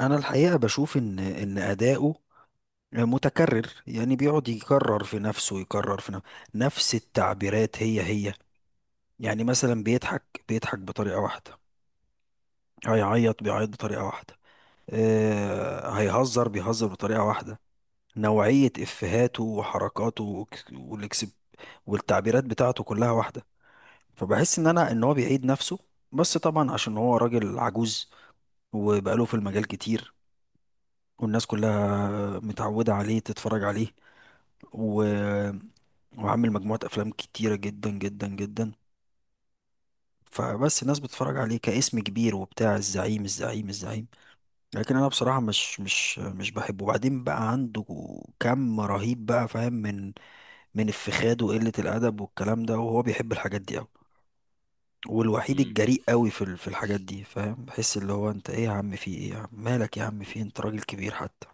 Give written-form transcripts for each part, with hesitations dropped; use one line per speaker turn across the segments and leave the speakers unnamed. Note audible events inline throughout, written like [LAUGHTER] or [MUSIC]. انا الحقيقه بشوف ان اداؤه متكرر، يعني بيقعد يكرر في نفسه، يكرر في نفسه نفس التعبيرات هي هي. يعني مثلا بيضحك بيضحك بطريقه واحده، هيعيط بيعيط بطريقه واحده. هيهزر بيهزر بطريقه واحده. نوعيه افهاته وحركاته والاكسب والتعبيرات بتاعته كلها واحده. فبحس ان هو بيعيد نفسه. بس طبعا عشان هو راجل عجوز وبقاله في المجال كتير، والناس كلها متعودة عليه تتفرج عليه، و... وعامل مجموعة أفلام كتيرة جدا جدا جدا. فبس الناس بتتفرج عليه كاسم كبير وبتاع، الزعيم الزعيم الزعيم. لكن أنا بصراحة مش بحبه. وبعدين بقى عنده كم رهيب بقى، فاهم؟ من الفخاد وقلة الأدب والكلام ده، وهو بيحب الحاجات دي أوي. والوحيد
مم.
الجريء قوي في الحاجات دي، فاهم؟ بحس اللي هو انت ايه يا عم، في ايه يا عم، مالك يا عم، في إيه؟ انت راجل كبير حتى.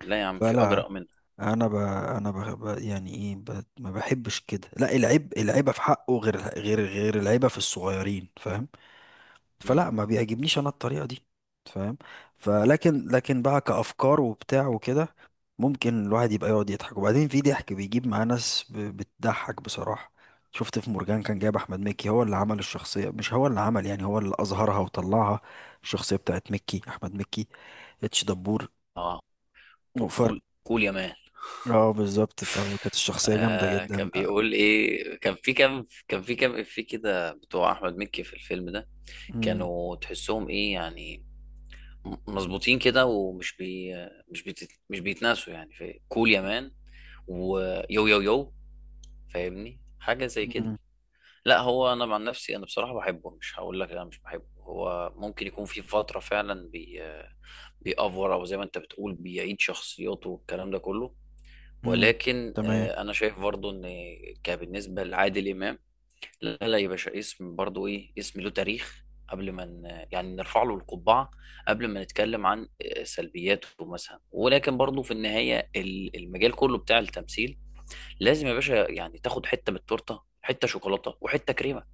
لا يا عم في
فلا،
اجرأ منه.
انا ب... انا ب... ب... يعني ايه ب... ما بحبش كده. لا، العيب، العيبه في حقه غير العيبه في الصغيرين، فاهم؟
مم.
فلا، ما بيعجبنيش انا الطريقه دي، فاهم؟ فلكن بقى كافكار وبتاع وكده، ممكن الواحد يبقى يقعد يضحك. وبعدين في ضحك بيجيب معاه ناس بتضحك بصراحه. شفت في مرجان كان جايب احمد مكي، هو اللي عمل الشخصيه، مش هو اللي عمل، يعني هو اللي اظهرها وطلعها، الشخصيه بتاعت احمد مكي، اتش دبور.
اه كول كول يا مان.
اه بالظبط، فكانت الشخصية جامدة
كان
جدا.
بيقول ايه، كان في كام افيه كده بتوع احمد مكي في الفيلم ده؟
امم.
كانوا تحسهم ايه يعني؟ مظبوطين كده ومش بي مش بيت مش بيتناسوا يعني في كول يا مان ويو يو يو. فاهمني حاجة زي كده.
امم.
لا هو انا مع نفسي، انا بصراحة بحبه، مش هقول لك لا مش بحبه. هو ممكن يكون في فترة فعلا بيأفور، او زي ما انت بتقول بيعيد شخصياته والكلام ده كله.
امم.
ولكن
تمام،
انا شايف برضو ان كبالنسبه لعادل امام، لا لا يا باشا، اسم برضو ايه، اسم له تاريخ. قبل ما يعني نرفع له القبعه، قبل ما نتكلم عن سلبياته مثلا، ولكن برضو في النهايه المجال كله بتاع التمثيل، لازم يا باشا يعني تاخد حته من التورته، حته شوكولاته وحته كريمه.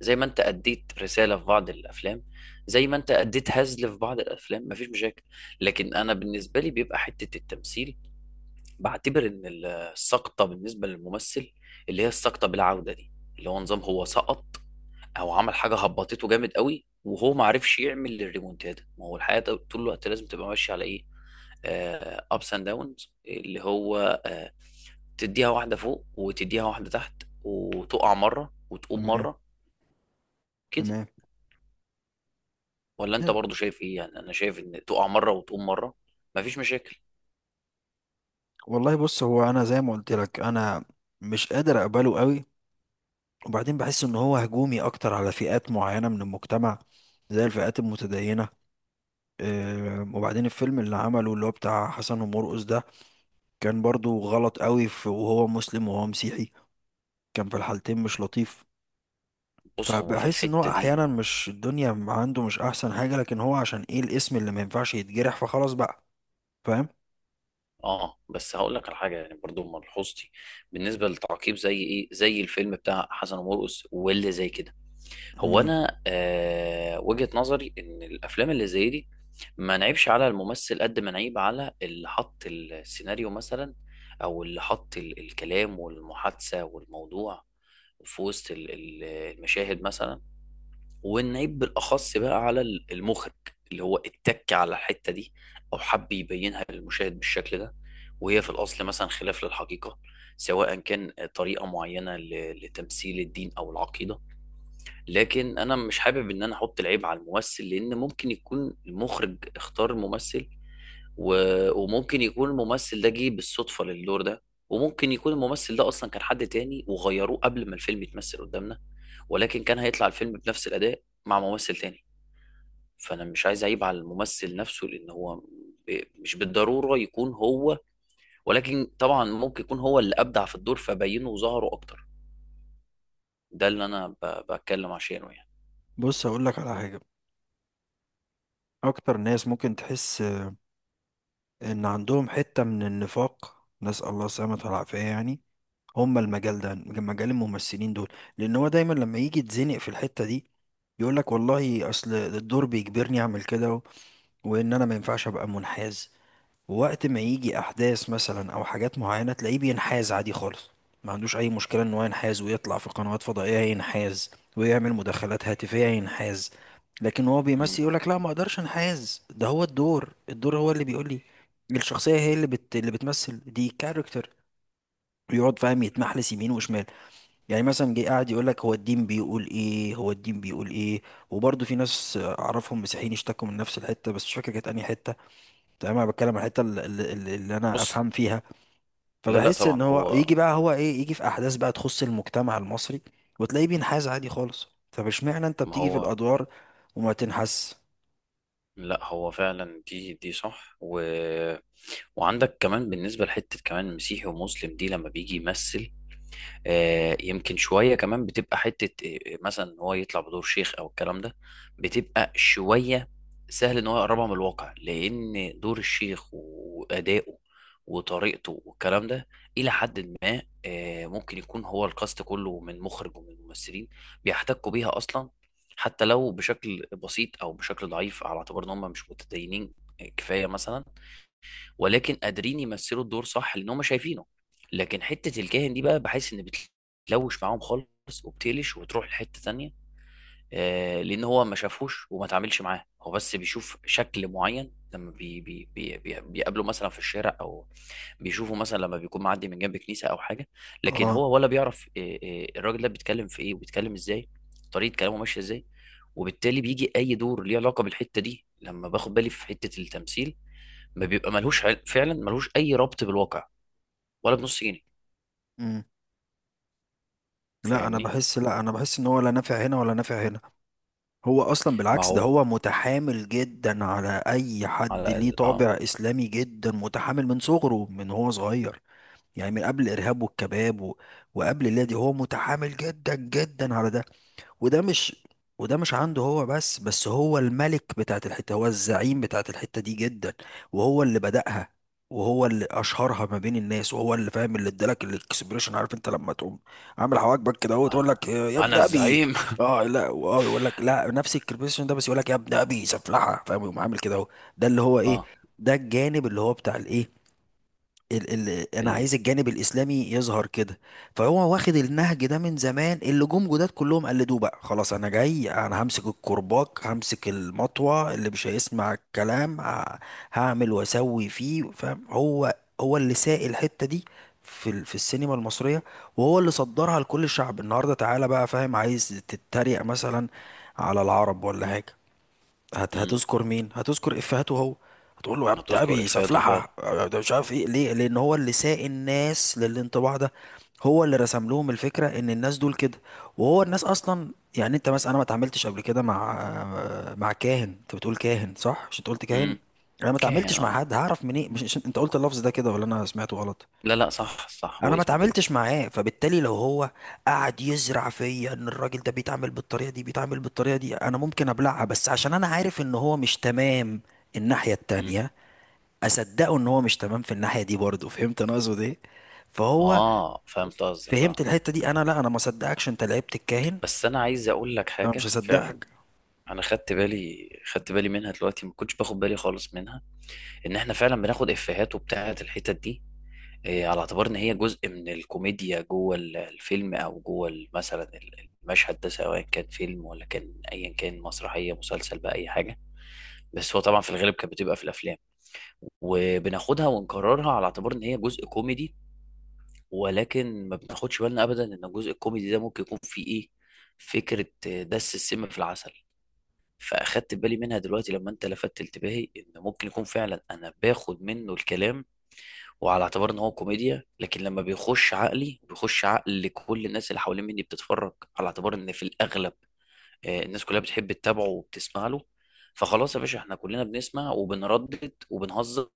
زي ما انت اديت رساله في بعض الافلام، زي ما انت اديت هزل في بعض الافلام، مفيش مشاكل. لكن انا بالنسبه لي بيبقى حته التمثيل، بعتبر ان السقطه بالنسبه للممثل، اللي هي السقطه بالعوده دي، اللي هو نظام هو سقط، او عمل حاجه هبطته جامد قوي وهو ما عرفش يعمل الريمونتادا. ما هو الحياه طول الوقت لازم تبقى ماشيه على ايه، ابس اند داونز، اللي هو تديها واحدة فوق وتديها واحدة تحت، وتقع مرة وتقوم
تمام،
مرة، كده.
تمام.
ولا انت برضو شايف ايه؟ يعني انا شايف ان تقع مرة وتقوم مرة، مفيش مشاكل.
والله بص، هو انا زي ما قلت لك، انا مش قادر اقبله قوي. وبعدين بحس ان هو هجومي اكتر على فئات معينة من المجتمع، زي الفئات المتدينة. وبعدين الفيلم اللي عمله اللي هو بتاع حسن ومرقص ده، كان برضو غلط قوي في، وهو مسلم وهو مسيحي، كان في الحالتين مش لطيف.
بص هو في
فبحس ان هو
الحتة دي،
احيانا، مش الدنيا عنده مش احسن حاجة، لكن هو عشان ايه؟ الاسم اللي ما ينفعش يتجرح، فخلاص بقى، فاهم؟
اه. بس هقول لك على حاجة يعني، برضو ملحوظتي بالنسبة للتعقيب زي ايه، زي الفيلم بتاع حسن ومرقص واللي زي كده. هو
مم.
انا وجهة نظري ان الافلام اللي زي دي، ما نعيبش على الممثل قد ما نعيب على اللي حط السيناريو مثلا، او اللي حط الكلام والمحادثة والموضوع في وسط المشاهد مثلا، والنعيب بالاخص بقى على المخرج اللي هو اتك على الحتة دي، او حب يبينها للمشاهد بالشكل ده وهي في الاصل مثلا خلاف للحقيقة. سواء كان طريقة معينة لتمثيل الدين او العقيدة. لكن انا مش حابب ان انا احط العيب على الممثل، لان ممكن يكون المخرج اختار ممثل و... وممكن يكون الممثل ده جه بالصدفة للدور ده، وممكن يكون الممثل ده اصلا كان حد تاني وغيروه قبل ما الفيلم يتمثل قدامنا، ولكن كان هيطلع الفيلم بنفس الاداء مع ممثل تاني. فانا مش عايز اعيب على الممثل نفسه لان هو مش بالضرورة يكون هو، ولكن طبعا ممكن يكون هو اللي ابدع في الدور فبينه وظهره اكتر. ده اللي انا بتكلم عشانه يعني.
بص هقول لك على حاجة، اكتر ناس ممكن تحس ان عندهم حتة من النفاق، نسأل الله السلامة والعافية، يعني هم المجال ده، مجال الممثلين دول. لان هو دايما لما يجي يتزنق في الحتة دي، يقول لك والله اصل الدور بيجبرني اعمل كده وان انا ما ينفعش ابقى منحاز. وقت ما يجي احداث مثلا او حاجات معينه، تلاقيه بينحاز عادي خالص، ما عندوش اي مشكله ان هو ينحاز، ويطلع في قنوات فضائيه ينحاز، ويعمل مداخلات هاتفيه ينحاز. لكن هو
مم.
بيمثل، يقول لك لا ما اقدرش انحاز، ده هو الدور، الدور هو اللي بيقول لي، الشخصيه هي اللي اللي بتمثل دي كاركتر. ويقعد فاهم يتمحلس يمين وشمال. يعني مثلا جه قاعد يقول لك هو الدين بيقول ايه، هو الدين بيقول ايه. وبرضه في ناس اعرفهم مسيحيين اشتكوا من نفس الحته، بس مش فاكر كانت انهي حته. تمام، انا بتكلم عن الحته اللي، اللي انا
بص.
افهم فيها.
لا لا
فبحس
طبعا
ان هو
هو.
يجي بقى، هو ايه، يجي في احداث بقى تخص المجتمع المصري وتلاقيه بينحاز عادي خالص. طب اشمعنى انت
ما
بتيجي في
هو.
الادوار وما تنحس؟
لا هو فعلا دي صح وعندك كمان بالنسبة لحتة كمان مسيحي ومسلم دي لما بيجي يمثل، يمكن شوية كمان بتبقى حتة، مثلا إن هو يطلع بدور شيخ أو الكلام ده، بتبقى شوية سهل إن هو يقربها من الواقع، لأن دور الشيخ وأدائه وطريقته والكلام ده إلى حد ما، ممكن يكون هو الكاست كله من مخرج ومن ممثلين بيحتكوا بيها أصلا، حتى لو بشكل بسيط أو بشكل ضعيف على اعتبار إن هم مش متدينين، كفاية مثلا، ولكن قادرين يمثلوا الدور صح لان هم شايفينه. لكن حته الكاهن دي بقى بحس ان بتلوش معاهم خالص وبتقلش وتروح لحته تانية. لان هو ما شافوش وما تعاملش معاه، هو بس بيشوف شكل معين لما بي بي بي بي بيقابله مثلا في الشارع، او بيشوفه مثلا لما بيكون معدي من جنب كنيسه او حاجه. لكن
اه.
هو ولا بيعرف الراجل ده بيتكلم في ايه وبيتكلم ازاي، طريقه كلامه ماشيه ازاي. وبالتالي بيجي اي دور ليه علاقه بالحته دي، لما باخد بالي في حته التمثيل، ما بيبقى ملهوش فعلا ملهوش اي ربط بالواقع ولا بنص جنيه.
امم. لا انا
فاهمني.
بحس، لا انا بحس ان هو لا نافع هنا ولا نافع هنا. هو اصلا
ما
بالعكس، ده
هو
هو متحامل جدا على اي حد
على
ليه طابع
اه.
اسلامي. جدا متحامل من صغره، من هو صغير، يعني من قبل الارهاب والكباب وقبل اللي دي، هو متحامل جدا جدا على ده. وده مش وده مش عنده هو، بس هو الملك بتاعت الحتة، هو الزعيم بتاعت الحتة دي جدا. وهو اللي بدأها، وهو اللي أشهرها ما بين الناس، وهو اللي فاهم اللي ادالك الاكسبريشن. عارف انت لما تقوم عامل حواجبك كده اهو، تقول
انا
لك يا
انا
ابن ابي.
الزعيم.
اه، لا اه، يقول لك لا، نفس الاكسبريشن ده بس يقول لك يا ابن ابي سفلحه، فاهم؟ يقوم عامل كده اهو، ده اللي هو
[LAUGHS]
ايه،
اه.
ده الجانب اللي هو بتاع الايه، ال انا
ال
عايز الجانب الاسلامي يظهر كده. فهو واخد النهج ده من زمان، اللي جم جداد كلهم قلدوه بقى. خلاص انا جاي، انا همسك الكرباج، همسك المطوه، اللي مش هيسمع الكلام هعمل واسوي فيه، فاهم؟ هو، هو اللي ساق الحته دي في السينما المصريه، وهو اللي صدرها لكل الشعب النهارده. تعالى بقى فاهم، عايز تتريق مثلا على العرب ولا حاجه،
امم
هتذكر مين؟ هتذكر افهاته هو، هتقول له يا بتاع
هتذكر
ابي
افاته فعلا.
سفلحه، يا ده مش عارف ايه. ليه؟ لان هو اللي ساق الناس للانطباع ده. هو اللي رسم لهم الفكره ان الناس دول كده. وهو الناس اصلا، يعني انت مثلا، انا ما اتعاملتش قبل كده مع، مع كاهن. انت بتقول كاهن، صح؟ مش انت قلت كاهن؟
امم.
انا ما
كان
اتعاملتش مع
اه.
حد، هعرف منين؟ انت قلت اللفظ ده كده، ولا انا سمعته غلط؟
لا لا، صح صح، هو
انا ما
اسمه كده.
اتعاملتش معاه، فبالتالي لو هو قعد يزرع فيا ان الراجل ده بيتعامل بالطريقه دي، بيتعامل بالطريقه دي، انا ممكن ابلعها بس عشان انا عارف ان هو مش تمام الناحيه
امم.
التانية، اصدقه ان هو مش تمام في الناحيه دي برضه. فهمت انا اقصد ايه؟ فهو،
اه فهمت قصدك،
فهمت
اه.
الحته دي. انا لا، انا ما اصدقكش انت لعبت الكاهن،
بس انا عايز اقول لك
انا
حاجه
مش
فعلا.
هصدقك.
انا خدت بالي، خدت بالي منها دلوقتي، ما كنتش باخد بالي خالص منها. ان احنا فعلا بناخد افيهات وبتاعه الحتت دي، على اعتبار ان هي جزء من الكوميديا جوه الفيلم، او جوه مثلا المشهد ده، سواء كان فيلم ولا كان ايا كان، مسرحيه، مسلسل بقى، اي حاجه. بس هو طبعا في الغالب كانت بتبقى في الافلام، وبناخدها ونكررها على اعتبار ان هي جزء كوميدي. ولكن ما بناخدش بالنا ابدا ان الجزء الكوميدي ده ممكن يكون فيه ايه، فكره دس السم في العسل. فاخدت بالي منها دلوقتي لما انت لفتت انتباهي ان ممكن يكون فعلا انا باخد منه الكلام، وعلى اعتبار ان هو كوميديا، لكن لما بيخش عقلي بيخش عقل لكل الناس اللي حوالين مني بتتفرج. على اعتبار ان في الاغلب الناس كلها بتحب تتابعه وبتسمع له، فخلاص يا باشا احنا كلنا بنسمع وبنردد وبنهزر.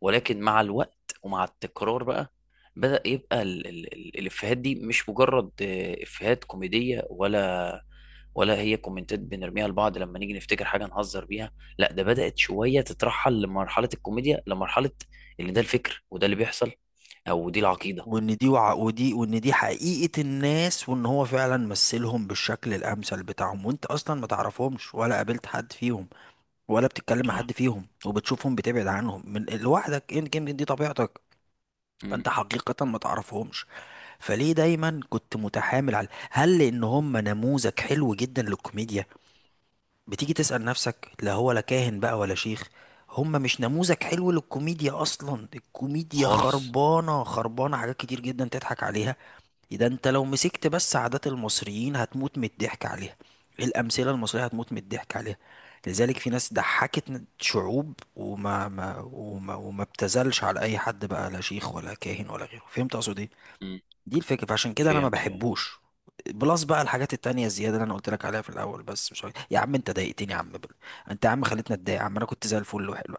ولكن مع الوقت ومع التكرار بقى، بدأ يبقى الافيهات دي مش مجرد افيهات كوميدية، ولا هي كومنتات بنرميها لبعض لما نيجي نفتكر حاجه نهزر بيها. لا ده بدات شويه تترحل لمرحله الكوميديا، لمرحله اللي ده الفكر، وده اللي بيحصل، او دي العقيده.
وان دي حقيقه الناس، وان هو فعلا مثلهم بالشكل الامثل بتاعهم، وانت اصلا ما تعرفهمش ولا قابلت حد فيهم، ولا بتتكلم مع
اه.
حد فيهم، وبتشوفهم بتبعد عنهم من لوحدك، انت جيم دي طبيعتك.
امم.
فانت حقيقة ما تعرفهمش. فليه دايما كنت متحامل على هل، لان هم نموذج حلو جدا للكوميديا؟ بتيجي تسأل نفسك، لا هو لا كاهن بقى ولا شيخ. هم مش نموذج حلو للكوميديا اصلا، الكوميديا
خالص.
خربانة، خربانة حاجات كتير جدا تضحك عليها. ده انت لو مسكت بس عادات المصريين هتموت من الضحك عليها، الامثله المصريه هتموت من الضحك عليها. لذلك في ناس ضحكت شعوب وما ما وما, وما ابتذلش على اي حد، بقى لا شيخ ولا كاهن ولا غيره، فهمت اقصد ايه؟
امم.
دي الفكره، فعشان كده انا ما
فهمت فهمت.
بحبوش. بلس بقى الحاجات التانية الزيادة اللي انا قلت لك عليها في الاول، بس مش عارف. يا عم انت ضايقتني يا عم، انت يا عم خليتني اتضايق يا عم، انا كنت زي الفل وحلو.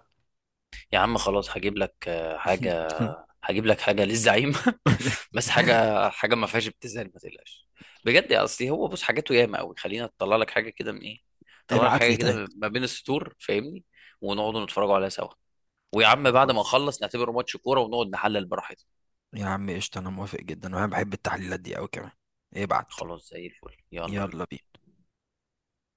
يا عم خلاص هجيب لك حاجه، هجيب لك حاجه للزعيم. [LAUGHS]
[LAUGHS]
بس حاجه، حاجه ما فيهاش ابتذال، ما تقلقش. بجد يا اصلي هو بص حاجاته ياما قوي، خلينا اطلع لك حاجه كده من ايه، اطلع لك
ابعت
حاجه
لي.
كده ما بين السطور فاهمني. ونقعدوا نتفرجوا عليها سوا، ويا عم
طيب
بعد ما نخلص نعتبره ماتش كوره ونقعد نحلل براحتنا.
يا عم قشطة، أنا موافق جدا وأنا بحب التحليلات دي أوي كمان. ابعت.
خلاص زي الفل يلا بينا
يلا بينا.